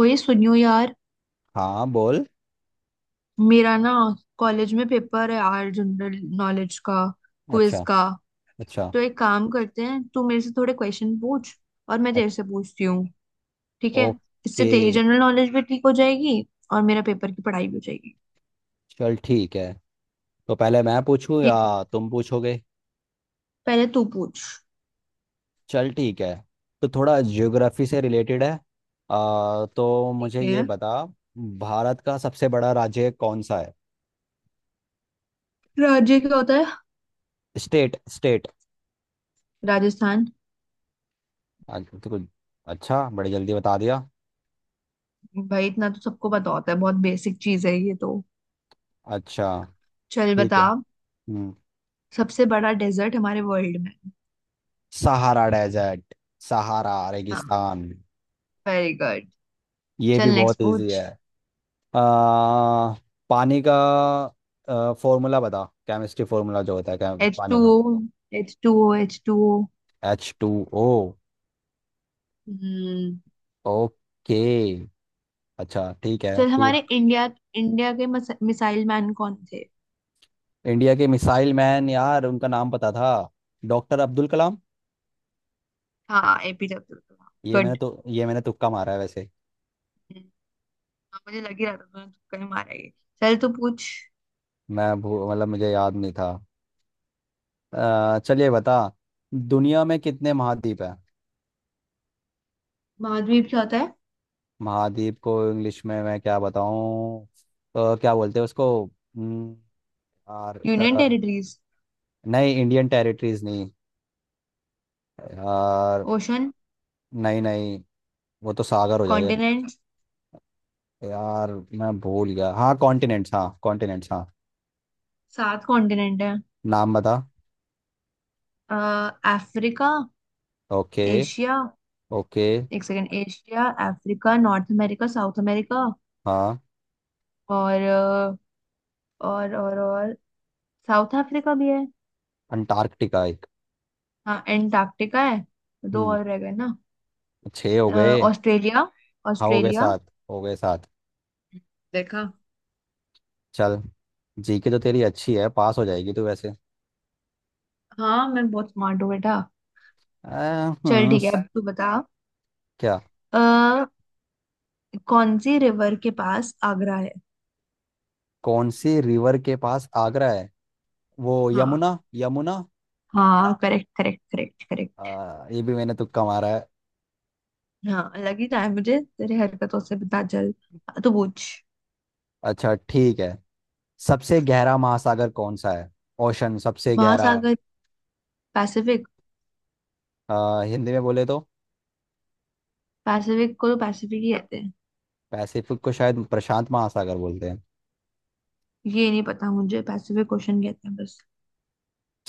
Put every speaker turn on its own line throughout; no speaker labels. ओए सुनियो यार।
हाँ, बोल।
मेरा ना कॉलेज में पेपर है यार, जनरल नॉलेज का, क्विज
अच्छा।
का।
अच्छा।
तो एक काम करते हैं, तू मेरे से थोड़े क्वेश्चन पूछ और मैं
अ-
तेरे से पूछती हूँ। ठीक है। इससे
ओके।
तेरी जनरल नॉलेज भी ठीक हो जाएगी और मेरा पेपर की पढ़ाई भी हो जाएगी।
चल ठीक है। तो पहले मैं पूछूं या
ठीक है,
तुम पूछोगे?
पहले तू पूछ।
चल ठीक है। तो थोड़ा ज्योग्राफी से रिलेटेड है। तो मुझे
ठीक
ये
है।
बता, भारत का सबसे बड़ा राज्य कौन सा है?
राज्य क्या होता है?
State state.
राजस्थान।
तो कुछ... अच्छा, बड़ी जल्दी बता दिया।
भाई इतना तो सबको पता होता है, बहुत बेसिक चीज है ये तो।
अच्छा
चल
ठीक
बता।
है। हम्म।
सबसे बड़ा डेजर्ट हमारे वर्ल्ड में।
सहारा डेजर्ट, सहारा
हाँ,
रेगिस्तान।
Very good.
ये भी
चल
बहुत
नेक्स्ट
इजी
पूछ।
है। आ, पानी का फॉर्मूला बता, केमिस्ट्री फॉर्मूला जो होता है, क्या
एच टू
पानी का?
O, H two O, H two ओ।
H2O।
हम्म।
ओके। अच्छा ठीक है
चल
तू।
हमारे इंडिया इंडिया के मिसाइल मैन कौन थे?
इंडिया के मिसाइल मैन यार, उनका नाम पता था। डॉक्टर अब्दुल कलाम।
हाँ, एपीजे अब्दुल कलाम।
ये मैंने
गुड।
तो ये मैंने तुक्का मारा है, वैसे।
मुझे लग ही रहा था तूने तुक्का ही मारा ये। चल तू पूछ।
मैं मतलब मुझे याद नहीं था। चलिए, बता। दुनिया में कितने महाद्वीप हैं?
महाद्वीप क्या होता है?
महाद्वीप को इंग्लिश में मैं क्या बताऊं? क्या बोलते हैं उसको? यार।
Union territories.
नहीं, इंडियन टेरिटरीज नहीं। यार।
ओशन।
नहीं, नहीं। वो तो सागर हो जाएगा।
कॉन्टिनेंट।
यार, मैं भूल गया, हाँ कॉन्टिनेंट्स, हाँ कॉन्टिनेंट्स, हाँ।
सात कॉन्टिनेंट है।
नाम बता।
अफ्रीका।
ओके।
एशिया।
ओके।
एक second. Asia, Africa, North America, South America
हाँ।
और और और और साउथ अफ्रीका भी है।
अंटार्कटिका एक।
हाँ एंटार्क्टिका है। दो
हम्म
और रह गए ना।
छः हो
अ,
गए।
ऑस्ट्रेलिया,
हाँ हो गए,
ऑस्ट्रेलिया।
सात हो गए, सात।
देखा।
चल। जीके तो तेरी अच्छी है, पास हो जाएगी तू वैसे।
हाँ, मैं बहुत स्मार्ट हो बेटा।
आ,
चल
हम्म
ठीक है,
स-
अब तू बता।
क्या?
अ, कौन सी रिवर के पास आगरा है?
कौन सी रिवर के पास आगरा है? वो
हाँ।
यमुना। यमुना।
हाँ, करेक्ट करेक्ट करेक्ट करेक्ट।
ये भी मैंने तुक्का मारा है।
हाँ लग ही रहा है मुझे तेरी हरकतों से, पता चल। तो पूछ।
अच्छा ठीक है। सबसे गहरा महासागर कौन सा है? ओशन, सबसे गहरा।
महासागर। पैसिफिक।
हिंदी में बोले तो?
पैसिफिक को तो पैसिफिक ही कहते हैं।
पैसिफिक को शायद प्रशांत महासागर बोलते हैं।
ये नहीं पता मुझे, पैसिफिक क्वेश्चन कहते हैं बस।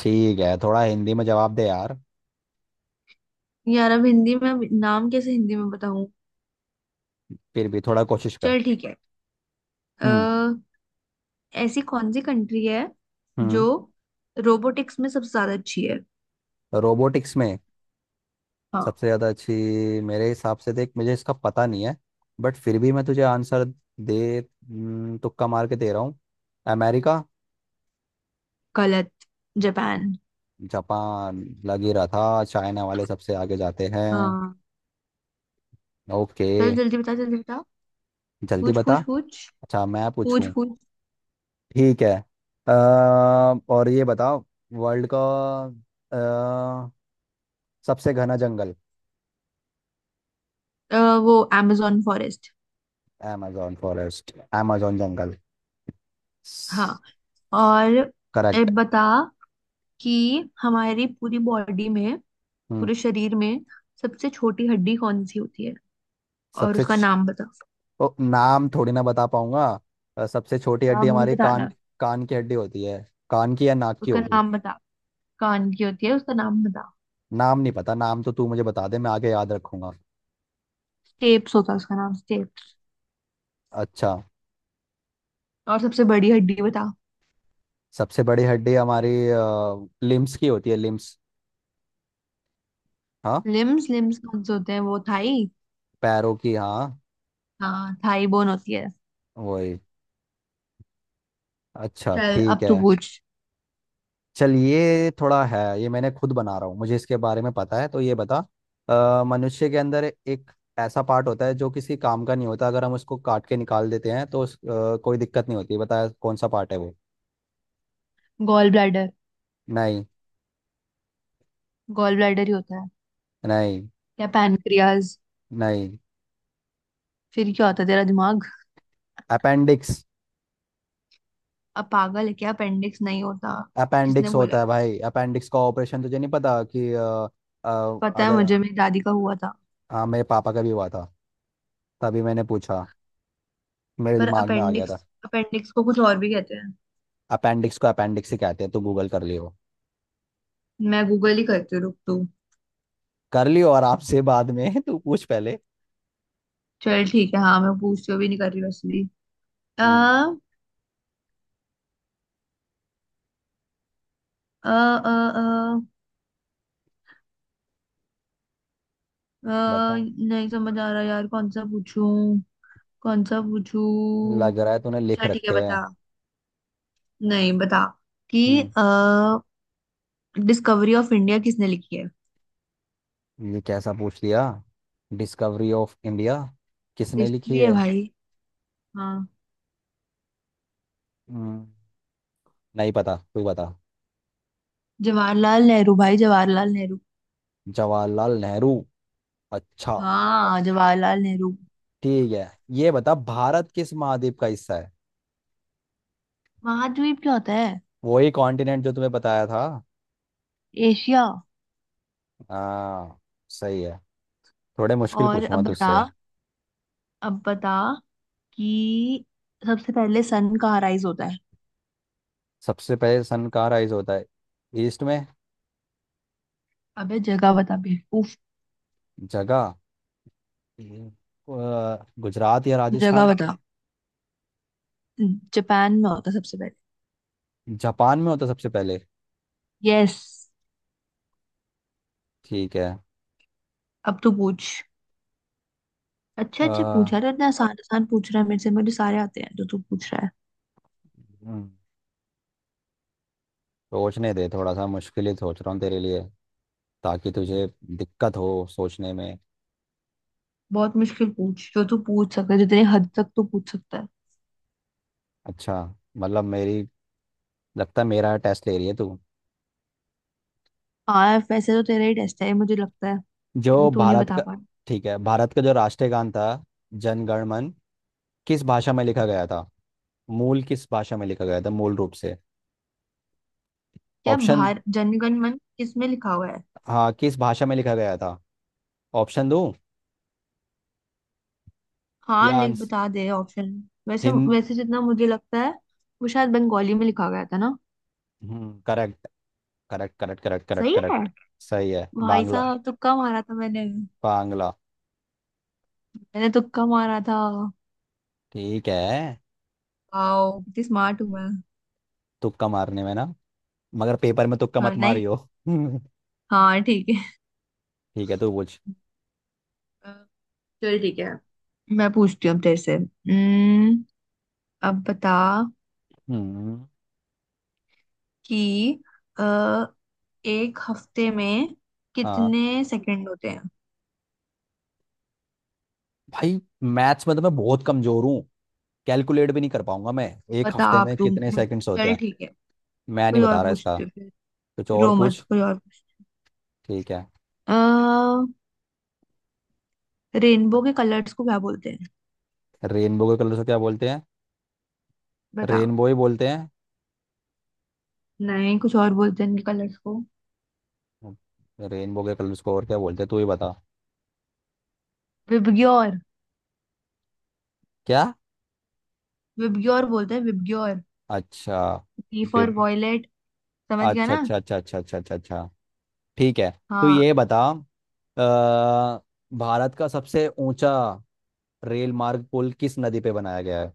ठीक है, थोड़ा हिंदी में जवाब दे यार।
यार अब हिंदी में अब नाम कैसे हिंदी में बताऊं।
फिर भी थोड़ा कोशिश कर।
चल ठीक है।
हम्म।
ऐसी कौन सी कंट्री है
हम्म।
जो रोबोटिक्स में सबसे ज्यादा अच्छी है?
रोबोटिक्स में?
हाँ।
सबसे ज़्यादा अच्छी? मेरे हिसाब से देख, मुझे इसका पता नहीं है। बट फिर भी मैं तुझे आंसर दे, तुक्का मार के दे रहा हूँ। अमेरिका।
गलत। जापान।
जापान। लग ही रहा था चाइना वाले सबसे आगे जाते हैं।
हाँ।
ओके।
चल जल्दी बता, जल्दी बता।
जल्दी
पूछ
बता।
पूछ पूछ।
अच्छा, मैं
पूछ
पूछूं?
पूछ।
ठीक है। अ, और ये बताओ, वर्ल्ड का अ, सबसे घना जंगल?
अ, वो amazon forest.
amazon forest, amazon जंगल।
हाँ। और ए,
करेक्ट।
बता कि हमारी पूरी बॉडी में,
हम्म।
पूरे शरीर में सबसे छोटी हड्डी कौन सी होती है और
सबसे
उसका
छ-
नाम बता।
ओ, नाम थोड़ी ना बता पाऊंगा। सबसे छोटी हड्डी
नाम भी
हमारी कान,
बताना।
कान की हड्डी होती है। कान की या नाक की
उसका
होगी?
नाम बता। कान की होती है, उसका नाम बता।
नाम नहीं पता, नाम तो तू मुझे बता दे, मैं आगे याद रखूंगा।
स्टेप्स होता है उसका नाम, स्टेप्स।
अच्छा।
और सबसे बड़ी हड्डी बता।
सबसे बड़ी हड्डी हमारी लिम्स की होती है, लिम्स। हाँ।
लिम्स, लिम्स कौन से होते हैं? वो थाई।
पैरों की, हाँ।
हाँ थाई बोन होती है।
वही। अच्छा
चल
ठीक
अब तू
है।
पूछ।
चल, ये थोड़ा है, ये मैंने खुद बना रहा हूँ, मुझे इसके बारे में पता है, तो ये बता। मनुष्य के अंदर एक ऐसा पार्ट होता है जो किसी काम का नहीं होता, अगर हम उसको काट के निकाल देते हैं तो कोई दिक्कत नहीं होती। बताया कौन सा पार्ट है वो?
Gall bladder.
नहीं।
गॉल ब्लैडर ही होता है।
नहीं।
क्या, पैनक्रियाज?
नहीं।
फिर क्या होता है तेरा दिमाग।
अपेंडिक्स।
अब पागल है क्या, अपेंडिक्स नहीं होता। किसने
अपेंडिक्स
बोला
होता है
है?
भाई, अपेंडिक्स का ऑपरेशन तुझे नहीं पता? कि
पता है
अगर...
मुझे, मेरी दादी का हुआ था।
हाँ, मेरे पापा का भी हुआ था, तभी मैंने पूछा, मेरे
पर
दिमाग में आ गया था।
अपेंडिक्स, अपेंडिक्स को कुछ और भी कहते हैं।
अपेंडिक्स को अपेंडिक्स ही कहते हैं, तो गूगल कर लियो।
मैं गूगल ही करती हूँ, रुक तू।
कर लियो आराम से बाद में तू पूछ पहले।
चल ठीक है, हाँ मैं पूछती हूँ, भी नहीं कर रही वैसे भी। आ,
हम्म।
आ, आ, आ,
बता।
आ, नहीं समझ आ रहा यार, कौन सा पूछूं। कौन सा पूछूं।
लग रहा है तूने लिख
चल ठीक है,
रखे हैं।
बता। नहीं बता, कि
हम्म।
डिस्कवरी ऑफ इंडिया किसने लिखी है?
ये कैसा पूछ दिया? डिस्कवरी ऑफ इंडिया किसने लिखी
हिस्ट्री है
है?
भाई। हाँ।
हम्म, नहीं पता, तू बता।
जवाहरलाल नेहरू भाई, जवाहरलाल नेहरू।
जवाहरलाल नेहरू। अच्छा
हाँ, जवाहरलाल नेहरू।
ठीक है। ये बता, भारत किस महाद्वीप का हिस्सा है?
महाद्वीप क्या होता है?
वही कॉन्टिनेंट जो तुम्हें बताया था।
एशिया।
हाँ। सही है। थोड़े मुश्किल
और
पूछूंगा
अब बता,
तुझसे।
अब बता कि सबसे पहले सन कहाँ राइज होता है?
सबसे पहले सन कहाँ राइज होता है? ईस्ट में।
अबे जगह बता, बेवकूफ।
जगह। हम्म। गुजरात या
जगह
राजस्थान?
बता। जापान में होता है सबसे पहले।
जापान में होता सबसे पहले।
यस।
ठीक है।
अब तू पूछ। अच्छे
अ,
अच्छे
हम्म,
पूछा रहे, इतना आसान आसान पूछ रहा है मेरे से, मुझे सारे आते हैं जो तू पूछ रहा है।
सोचने दे थोड़ा सा, मुश्किल ही सोच रहा हूँ तेरे लिए, ताकि तुझे दिक्कत हो सोचने में।
बहुत मुश्किल पूछ जो तू पूछ सकता है, जितनी हद तक तू पूछ सकता है।
अच्छा। मतलब मेरी... लगता है मेरा टेस्ट ले रही है तू।
हाँ वैसे तो तेरा ही टेस्ट है ये, मुझे लगता है
जो
क्योंकि तू नहीं
भारत
बता
का
पा रहा।
ठीक है, भारत का जो राष्ट्रीय गान था, जन गण मन, किस भाषा में लिखा गया था, मूल किस भाषा में लिखा गया था मूल रूप से?
क्या
ऑप्शन।
भार जनगण मन किसमें लिखा हुआ है?
हाँ, किस भाषा में लिखा गया था? ऑप्शन दूं
हाँ,
या
लिख बता दे ऑप्शन। वैसे
हिं-
वैसे जितना मुझे लगता है, वो शायद बंगाली में लिखा गया था ना।
करेक्ट करेक्ट करेक्ट करेक्ट
सही
करेक्ट
है।
करेक्ट। सही है।
भाई
बांग्ला।
साहब तुक्का मारा था मैंने।
बांग्ला।
मैंने तुक्का मारा था।
ठीक है।
वाओ कितनी स्मार्ट हूँ मैं।
तुक्का मारने में ना। मगर पेपर में तुक्का
हाँ
मत
नहीं।
मारियो
हाँ ठीक है।
ठीक है, तू पूछ।
अ, चल ठीक है, मैं पूछती हूँ अब तेरे से। अब बता
हम्म।
कि अ, एक हफ्ते में
हाँ।
कितने सेकंड होते हैं?
भाई, मैथ्स में तो मैं बहुत कमजोर हूँ, कैलकुलेट भी नहीं कर पाऊंगा मैं। एक
बता
हफ्ते
आप
में
तुम।
कितने सेकंड्स होते
चल
हैं?
ठीक है।
मैं नहीं
कोई और
बता रहा इसका।
पूछते हो फिर।
कुछ और
रो मत,
पूछ।
कोई और पूछते
ठीक है।
हो। रेनबो के कलर्स को क्या बोलते हैं?
रेनबो के कलर्स को क्या बोलते हैं?
बता।
रेनबो ही बोलते हैं।
नहीं, कुछ और बोलते हैं इनके कलर्स को।
रेनबो के कलर्स को और क्या बोलते हैं, तू ही बता।
विबग्योर।
क्या?
विबग्योर बोलते हैं, विबग्योर।
अच्छा
वी फॉर वॉयलेट। समझ गया
अच्छा
ना।
अच्छा अच्छा अच्छा अच्छा अच्छा अच्छा। ठीक है। तो
हाँ।
ये बता, अ, भारत का सबसे ऊंचा रेल मार्ग पुल किस नदी पे बनाया गया है?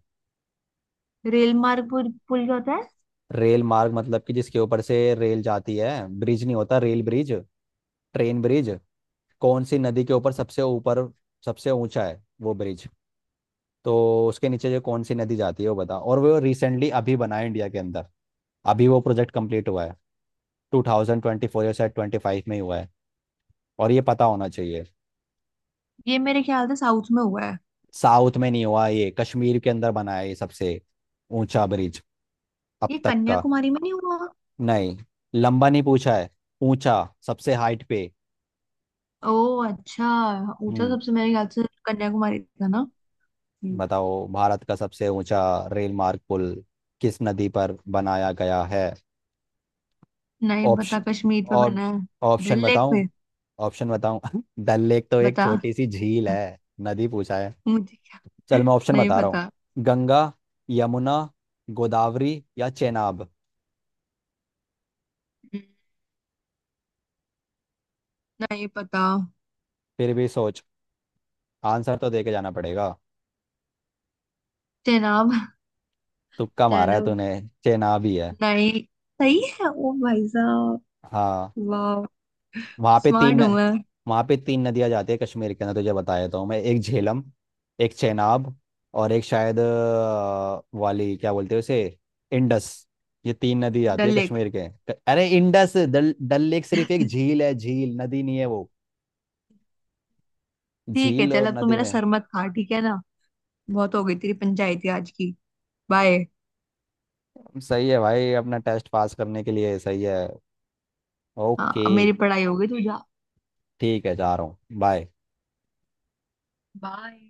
रेल मार्ग पुल, पुल क्या होता है?
रेल मार्ग मतलब कि जिसके ऊपर से रेल जाती है, ब्रिज नहीं होता रेल ब्रिज, ट्रेन ब्रिज। कौन सी नदी के ऊपर, सबसे ऊपर, सबसे ऊंचा है वो ब्रिज, तो उसके नीचे जो कौन सी नदी जाती है वो बता। और वो रिसेंटली अभी बना है इंडिया के अंदर, अभी वो प्रोजेक्ट कंप्लीट हुआ है। 2024, या शायद 25 में ही हुआ है। और ये पता होना चाहिए।
ये मेरे ख्याल से साउथ में हुआ है।
साउथ में नहीं हुआ, ये कश्मीर के अंदर बना है, ये सबसे ऊंचा ब्रिज अब
ये
तक का।
कन्याकुमारी में नहीं हुआ।
नहीं। लंबा नहीं पूछा है, ऊंचा, सबसे हाइट पे।
ओह अच्छा। ऊंचा
हम्म।
सबसे, मेरे ख्याल से कन्याकुमारी था ना। हम्म।
बताओ, भारत का सबसे ऊंचा रेल मार्ग पुल किस नदी पर बनाया गया है?
नहीं पता,
ऑप्शन।
कश्मीर पे
ऑप,
बना है।
ऑप्शन
डल लेक
बताऊं?
पे।
ऑप्शन बताऊं? डल लेक तो एक
बता।
छोटी सी झील है, नदी पूछा है।
मुझे क्या।
चल, मैं ऑप्शन
नहीं
बता रहा हूँ।
पता।
गंगा, यमुना, गोदावरी या चेनाब?
हम्म, नहीं पता।
फिर भी सोच, आंसर तो दे के जाना पड़ेगा।
चेनाब।
तुक्का मारा है
चेनाब।
तूने। चेनाब ही है।
नहीं। सही है, ओ भाई साहब।
हाँ।
वाह।
वहाँ पे
स्मार्ट
तीन...
हूँ मैं।
वहाँ पे तीन नदियाँ जाती है कश्मीर के अंदर, तुझे बता देता हूँ मैं, एक झेलम, एक चेनाब, और एक शायद वाली, क्या बोलते हैं उसे, इंडस। ये तीन नदी आती
डल
है
लेक।
कश्मीर के अरे इंडस, डल डल लेक सिर्फ एक झील है, झील नदी नहीं है वो।
ठीक है,
झील
चल
और
अब तू
नदी
मेरा
में...
सर मत खा, ठीक है ना। बहुत हो गई तेरी पंचायती आज की। बाय।
सही है भाई, अपना टेस्ट पास करने के लिए सही है।
हाँ
ओके।
अब मेरी पढ़ाई हो गई, तू जा।
ठीक है, जा रहा हूँ, बाय।
बाय।